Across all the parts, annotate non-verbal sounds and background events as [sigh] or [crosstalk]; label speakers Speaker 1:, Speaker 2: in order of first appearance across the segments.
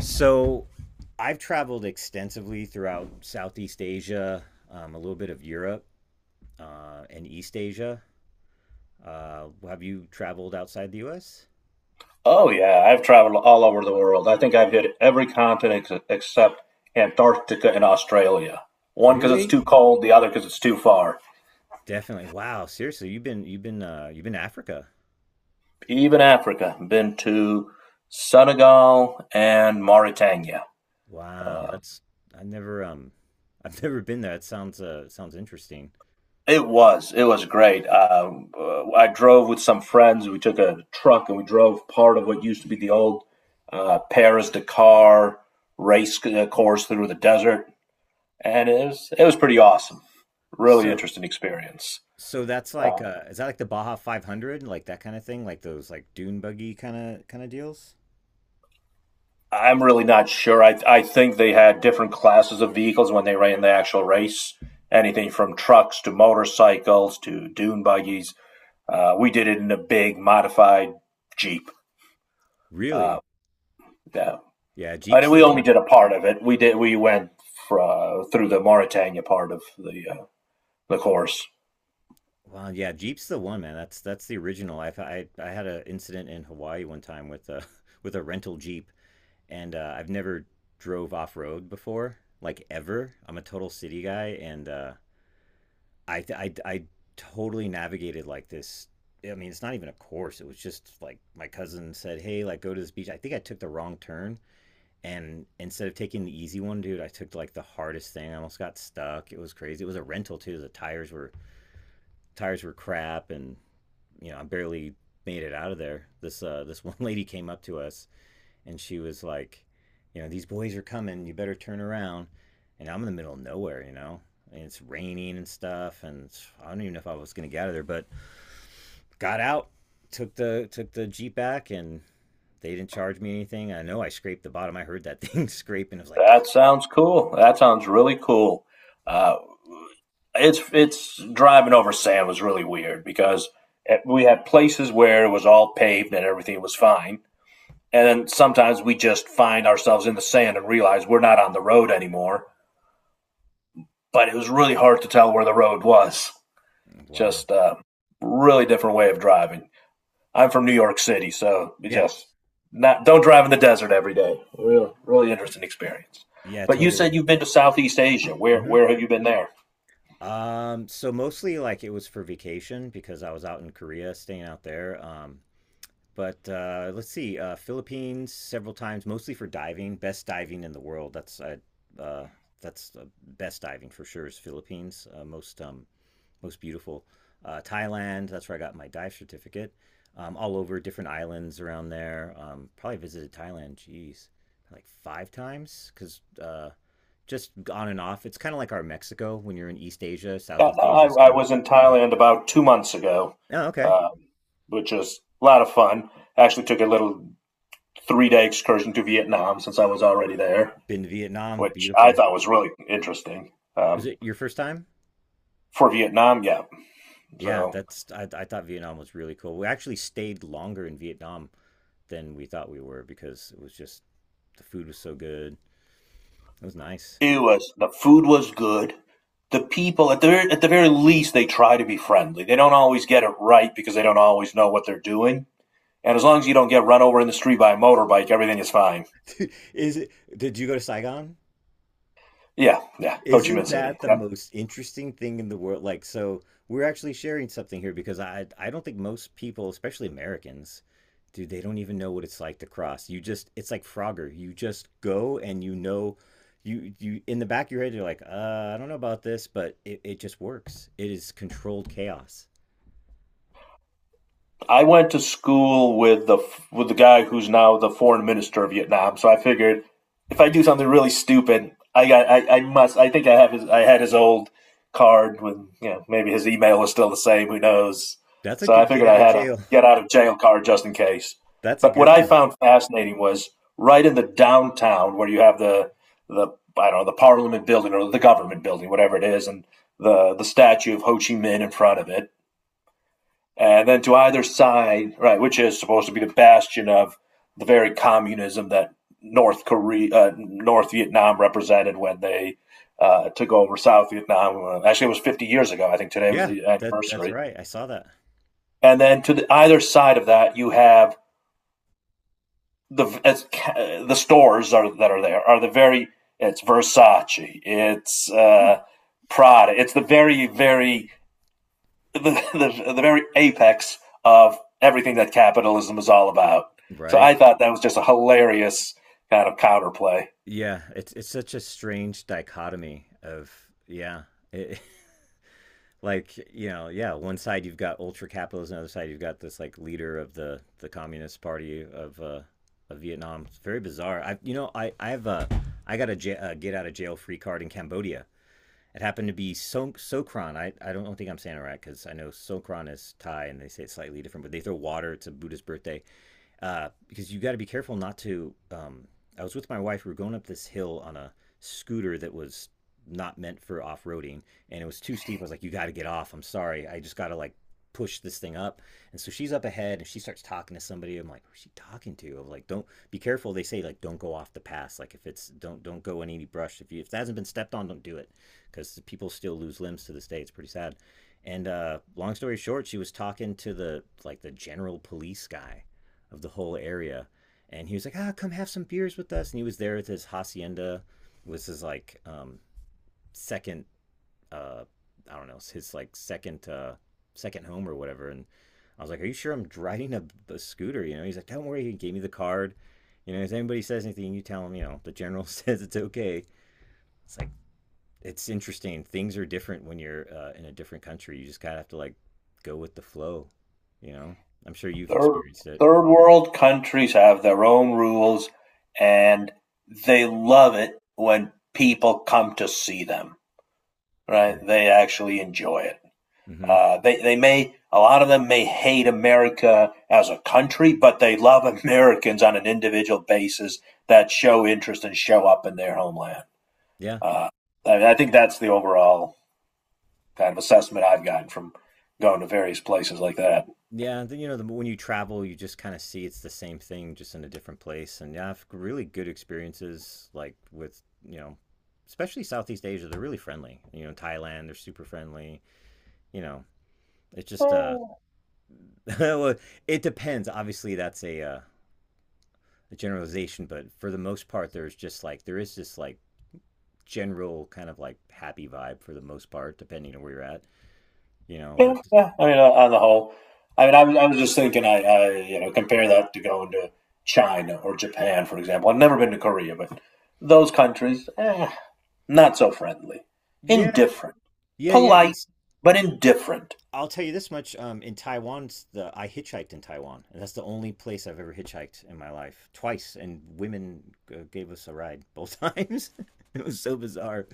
Speaker 1: So I've traveled extensively throughout Southeast Asia, a little bit of Europe, and East Asia. Have you traveled outside the U.S.?
Speaker 2: Oh yeah, I've traveled all over the world. I think I've hit every continent except Antarctica and Australia. One because it's
Speaker 1: Really?
Speaker 2: too cold, the other because it's too far.
Speaker 1: Definitely. Wow. Seriously, you've been you've been to Africa.
Speaker 2: Even Africa, been to Senegal and Mauritania.
Speaker 1: Wow. That's I never I've [laughs] never been there. That sounds sounds interesting.
Speaker 2: It was great. I drove with some friends. We took a truck and we drove part of what used to be the old Paris Dakar race course through the desert, and it was pretty awesome. Really
Speaker 1: So
Speaker 2: interesting experience.
Speaker 1: so that's like
Speaker 2: Um,
Speaker 1: is that like the Baja 500, like that kind of thing, like those like dune buggy kind of deals?
Speaker 2: I'm really not sure. I think they had different classes of vehicles when they ran the actual race. Anything from trucks to motorcycles to dune buggies. We did it in a big modified Jeep. Uh,
Speaker 1: Really?
Speaker 2: yeah.
Speaker 1: Yeah, Jeep's
Speaker 2: And
Speaker 1: the
Speaker 2: we only
Speaker 1: one.
Speaker 2: did a part of it. We did. We went through the Mauritania part of the course.
Speaker 1: Well, yeah, Jeep's the one, man. That's the original. I had an incident in Hawaii one time with a [laughs] with a rental Jeep, and I've never drove off road before, like ever. I'm a total city guy, and I totally navigated like this. I mean, it's not even a course. It was just like my cousin said, "Hey, like go to this beach." I think I took the wrong turn, and instead of taking the easy one, dude, I took like the hardest thing. I almost got stuck. It was crazy. It was a rental too. The tires were crap, and I barely made it out of there. This this [laughs] one lady came up to us and she was like, you know, these boys are coming. You better turn around. And I'm in the middle of nowhere, you know, and it's raining and stuff. And I don't even know if I was gonna get out of there, but got out, took the jeep back, and they didn't charge me anything. I know I scraped the bottom. I heard that thing [laughs] scrape, and I was like,
Speaker 2: That sounds cool. That sounds really cool. Uh, it's driving over sand was really weird because we had places where it was all paved and everything was fine. And then sometimes we just find ourselves in the sand and realize we're not on the road anymore. But it was really hard to tell where the road was.
Speaker 1: wow,
Speaker 2: Just a really different way of driving. I'm from New York City, so we
Speaker 1: yeah,
Speaker 2: just not don't drive in the desert every day. Really interesting experience.
Speaker 1: yeah,
Speaker 2: But you said
Speaker 1: totally.
Speaker 2: you've been to Southeast Asia. Where
Speaker 1: hmm
Speaker 2: where have you been there?
Speaker 1: So mostly like it was for vacation because I was out in Korea, staying out there. But let's see, Philippines several times, mostly for diving. Best diving in the world. Uh, that's Best diving for sure is Philippines. Most beautiful. Thailand. That's where I got my dive certificate. All over different islands around there. Probably visited Thailand. Jeez, like five times because just on and off. It's kind of like our Mexico when you're in East Asia.
Speaker 2: No,
Speaker 1: Southeast Asia is
Speaker 2: I
Speaker 1: kind of.
Speaker 2: was in Thailand about 2 months ago,
Speaker 1: Oh, okay.
Speaker 2: um, which was a lot of fun. Actually, took a little 3-day excursion to Vietnam since I was already there,
Speaker 1: Been to Vietnam.
Speaker 2: which I
Speaker 1: Beautiful.
Speaker 2: thought was really interesting.
Speaker 1: Is it your first time?
Speaker 2: For Vietnam, yeah.
Speaker 1: Yeah,
Speaker 2: So
Speaker 1: that's I thought Vietnam was really cool. We actually stayed longer in Vietnam than we thought we were because it was just the food was so good. It was nice.
Speaker 2: it was the food was good. The people at the very least they try to be friendly. They don't always get it right because they don't always know what they're doing. And as long as you don't get run over in the street by a motorbike, everything is fine.
Speaker 1: [laughs] Is it? Did you go to Saigon?
Speaker 2: Yeah, yeah. Ho Chi
Speaker 1: Isn't
Speaker 2: Minh City.
Speaker 1: that the
Speaker 2: Yeah.
Speaker 1: most interesting thing in the world? Like, so we're actually sharing something here because I don't think most people, especially Americans, dude, they don't even know what it's like to cross. You just it's like Frogger. You just go, and you know, you in the back of your head you're like, I don't know about this, but it just works. It is controlled chaos.
Speaker 2: I went to school with the guy who's now the foreign minister of Vietnam. So I figured if I do something really stupid, I got I must. I think I have his. I had his old card, with, you know, maybe his email is still the same. Who knows?
Speaker 1: That's a
Speaker 2: So I
Speaker 1: good get
Speaker 2: figured
Speaker 1: out
Speaker 2: I
Speaker 1: of
Speaker 2: had a
Speaker 1: jail.
Speaker 2: get out of jail card just in case.
Speaker 1: That's a
Speaker 2: But what
Speaker 1: good
Speaker 2: I
Speaker 1: one.
Speaker 2: found fascinating was right in the downtown where you have the, I don't know, the Parliament building or the government building, whatever it is, and the statue of Ho Chi Minh in front of it. And then to either side, right, which is supposed to be the bastion of the very communism that North Vietnam represented when they took over South Vietnam. Actually, it was 50 years ago. I think today was
Speaker 1: Yeah,
Speaker 2: the
Speaker 1: that's
Speaker 2: anniversary.
Speaker 1: right. I saw that.
Speaker 2: And then to the either side of that, you have the, it's, the stores are, that are there are the very, it's Versace, it's Prada, it's the very very, the, the very apex of everything that capitalism is all about. So
Speaker 1: Right?
Speaker 2: I thought that was just a hilarious kind of counterplay.
Speaker 1: Yeah, it's such a strange dichotomy of yeah. [laughs] Like, you know, yeah, one side you've got ultra capitalism, the other side you've got this like leader of the communist party of Vietnam. It's very bizarre. I you know i i've uh i got a get out of jail free card in Cambodia. It happened to be so Sokran. I don't think I'm saying it right, because I know Sokran is Thai and they say it's slightly different, but they throw water. It's a Buddhist birthday, because you got to be careful not to. I was with my wife. We were going up this hill on a scooter that was not meant for off roading, and it was too steep. I was like, "You got to get off. I'm sorry. I just got to like push this thing up." And so she's up ahead, and she starts talking to somebody. I'm like, "Who's she talking to?" I'm like, "Don't be careful." They say like, "Don't go off the pass. Like, if it's don't go in any brush. If you if it hasn't been stepped on, don't do it, because people still lose limbs to this day. It's pretty sad." And long story short, she was talking to the like the general police guy of the whole area. And he was like, ah, come have some beers with us. And he was there with his hacienda. It was his like second, uh, I don't know, his like second home or whatever. And I was like, are you sure? I'm driving a scooter? You know, he's like, don't worry. He gave me the card. You know, if anybody says anything, you tell them, you know, the general [laughs] says it's okay. It's like, it's interesting. Things are different when you're in a different country. You just kind of have to like go with the flow, you know? I'm sure you've
Speaker 2: Third,
Speaker 1: experienced it.
Speaker 2: Third world countries have their own rules, and they love it when people come to see them, right? They actually enjoy it.
Speaker 1: Mm-hmm. Mm-hmm.
Speaker 2: A lot of them may hate America as a country, but they love [laughs] Americans on an individual basis that show interest and show up in their homeland.
Speaker 1: Yeah.
Speaker 2: Uh, I think that's the overall kind of assessment I've gotten from going to various places like that.
Speaker 1: Yeah, and then, you know, the, when you travel, you just kind of see it's the same thing, just in a different place. And yeah, I've really good experiences, like with, you know, especially Southeast Asia. They're really friendly. You know, Thailand, they're super friendly. You know, it's just,
Speaker 2: Eh,
Speaker 1: [laughs] well, it depends. Obviously, that's a generalization, but for the most part, there's just like, there is this like general kind of like happy vibe for the most part, depending on where you're at, you know, but
Speaker 2: Yeah, yeah. I mean, on the whole, I mean, I was just thinking, compare that to going to China or Japan, for example. I've never been to Korea, but those countries, not so friendly,
Speaker 1: yeah,
Speaker 2: indifferent,
Speaker 1: yeah, yeah.
Speaker 2: polite, but indifferent.
Speaker 1: I'll tell you this much. In Taiwan, the I hitchhiked in Taiwan. And that's the only place I've ever hitchhiked in my life. Twice, and women gave us a ride both times. [laughs] It was so bizarre.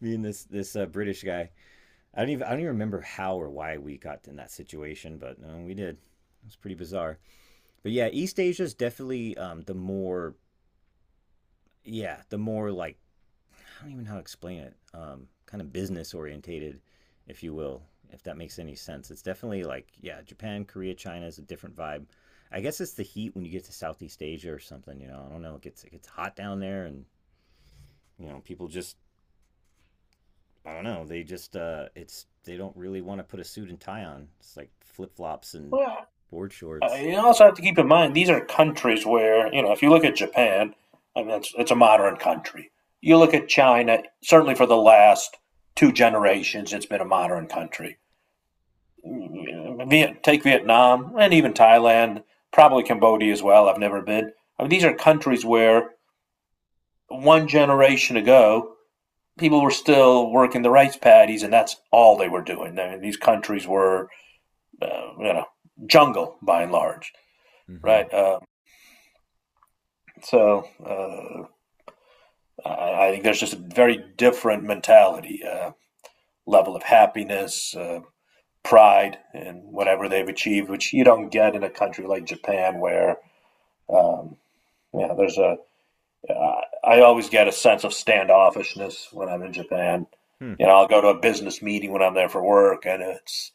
Speaker 1: Me and this British guy. I don't even remember how or why we got in that situation, but we did. It was pretty bizarre. But yeah, East Asia is definitely the more like I don't even know how to explain it. Kind of business orientated, if you will, if that makes any sense. It's definitely like yeah, Japan, Korea, China is a different vibe. I guess it's the heat when you get to Southeast Asia or something. You know, I don't know. It gets hot down there, and you know, people just I don't know. They just it's they don't really want to put a suit and tie on. It's like flip flops and
Speaker 2: Well,
Speaker 1: board shorts.
Speaker 2: You also have to keep in mind these are countries where if you look at Japan, I mean it's a modern country. You look at China, certainly for the last 2 generations, it's been a modern country. Take Vietnam and even Thailand, probably Cambodia as well. I've never been. I mean these are countries where one generation ago people were still working the rice paddies, and that's all they were doing. I mean, these countries were uh, you know jungle by and large,
Speaker 1: Mm-hmm.
Speaker 2: right? So I think there's just a very different mentality, level of happiness, pride in whatever they've achieved, which you don't get in a country like Japan. Where um, you know there's a. I always get a sense of standoffishness when I'm in Japan.
Speaker 1: Hmm.
Speaker 2: You know, I'll go to a business meeting when I'm there for work, and it's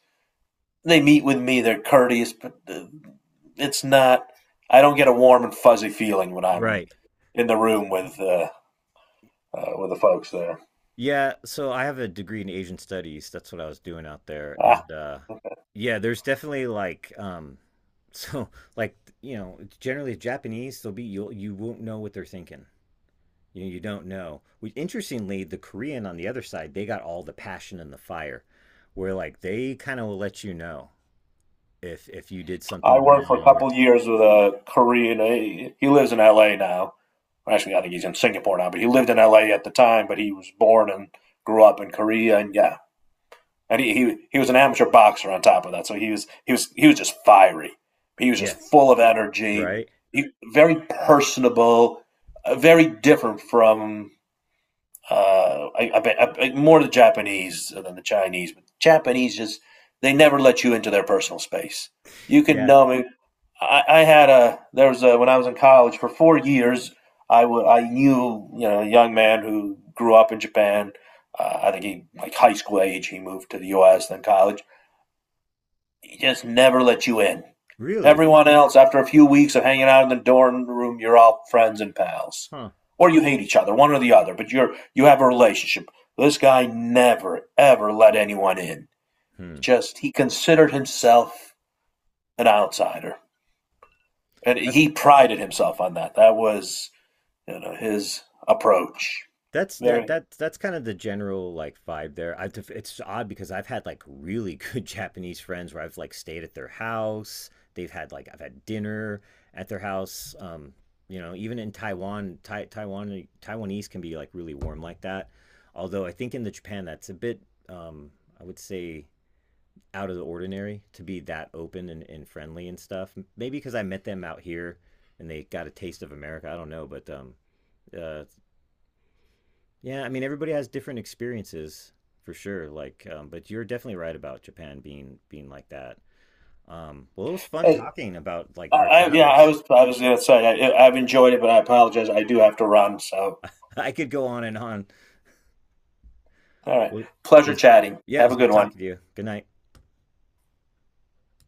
Speaker 2: they meet with me. They're courteous, but it's not. I don't get a warm and fuzzy feeling when I'm
Speaker 1: Right.
Speaker 2: in the room with the folks there.
Speaker 1: Yeah, so I have a degree in Asian studies. That's what I was doing out there.
Speaker 2: Uh,
Speaker 1: And yeah, there's definitely like so [laughs] like, you know, generally Japanese, they'll be you'll you won't know what they're thinking. You know, you don't know. Which interestingly, the Korean on the other side, they got all the passion and the fire, where like they kind of will let you know if you did
Speaker 2: I
Speaker 1: something
Speaker 2: worked for a
Speaker 1: wrong or
Speaker 2: couple years with a Korean. He lives in L.A. now. Well, actually, I think he's in Singapore now, but he lived in L.A. at the time. But he was born and grew up in Korea, and yeah, and he was an amateur boxer on top of that. So he was just fiery. He was just
Speaker 1: yes,
Speaker 2: full of energy.
Speaker 1: right?
Speaker 2: He very personable, very different from uh, I, I, bet- more the Japanese than the Chinese. But Japanese just they never let you into their personal space. You can
Speaker 1: Yeah.
Speaker 2: know me. I had a there was a When I was in college for 4 years. I knew a young man who grew up in Japan. I think he like high school age. He moved to the U.S. then college. He just never let you in.
Speaker 1: Really?
Speaker 2: Everyone else, after a few weeks of hanging out in the dorm room, you're all friends and pals,
Speaker 1: Huh.
Speaker 2: or you hate each other, one or the other. But you have a relationship. This guy never ever let anyone in.
Speaker 1: Hmm.
Speaker 2: Just he considered himself an outsider. And he prided himself on that. That was his approach.
Speaker 1: That's that
Speaker 2: Very
Speaker 1: that that's kind of the general like vibe there. I it's odd because I've had like really [laughs] good Japanese friends where I've like stayed at their house. They've had like I've had dinner at their house. You know, even in Taiwan, Taiwanese can be like really warm like that. Although I think in the Japan that's a bit um, I would say out of the ordinary to be that open and, friendly and stuff. Maybe because I met them out here and they got a taste of America. I don't know, but uh, yeah, I mean, everybody has different experiences for sure. Like, but you're definitely right about Japan being like that. Well, it was fun
Speaker 2: Hey,
Speaker 1: talking about like our
Speaker 2: I yeah, I
Speaker 1: travels.
Speaker 2: was I was gonna say I've enjoyed it, but I apologize. I do have to run. So
Speaker 1: [laughs] I could go on and on.
Speaker 2: all right,
Speaker 1: Well, it
Speaker 2: pleasure
Speaker 1: was,
Speaker 2: chatting.
Speaker 1: yeah, it
Speaker 2: Have
Speaker 1: was
Speaker 2: a good
Speaker 1: good
Speaker 2: one.
Speaker 1: talking to you. Good night.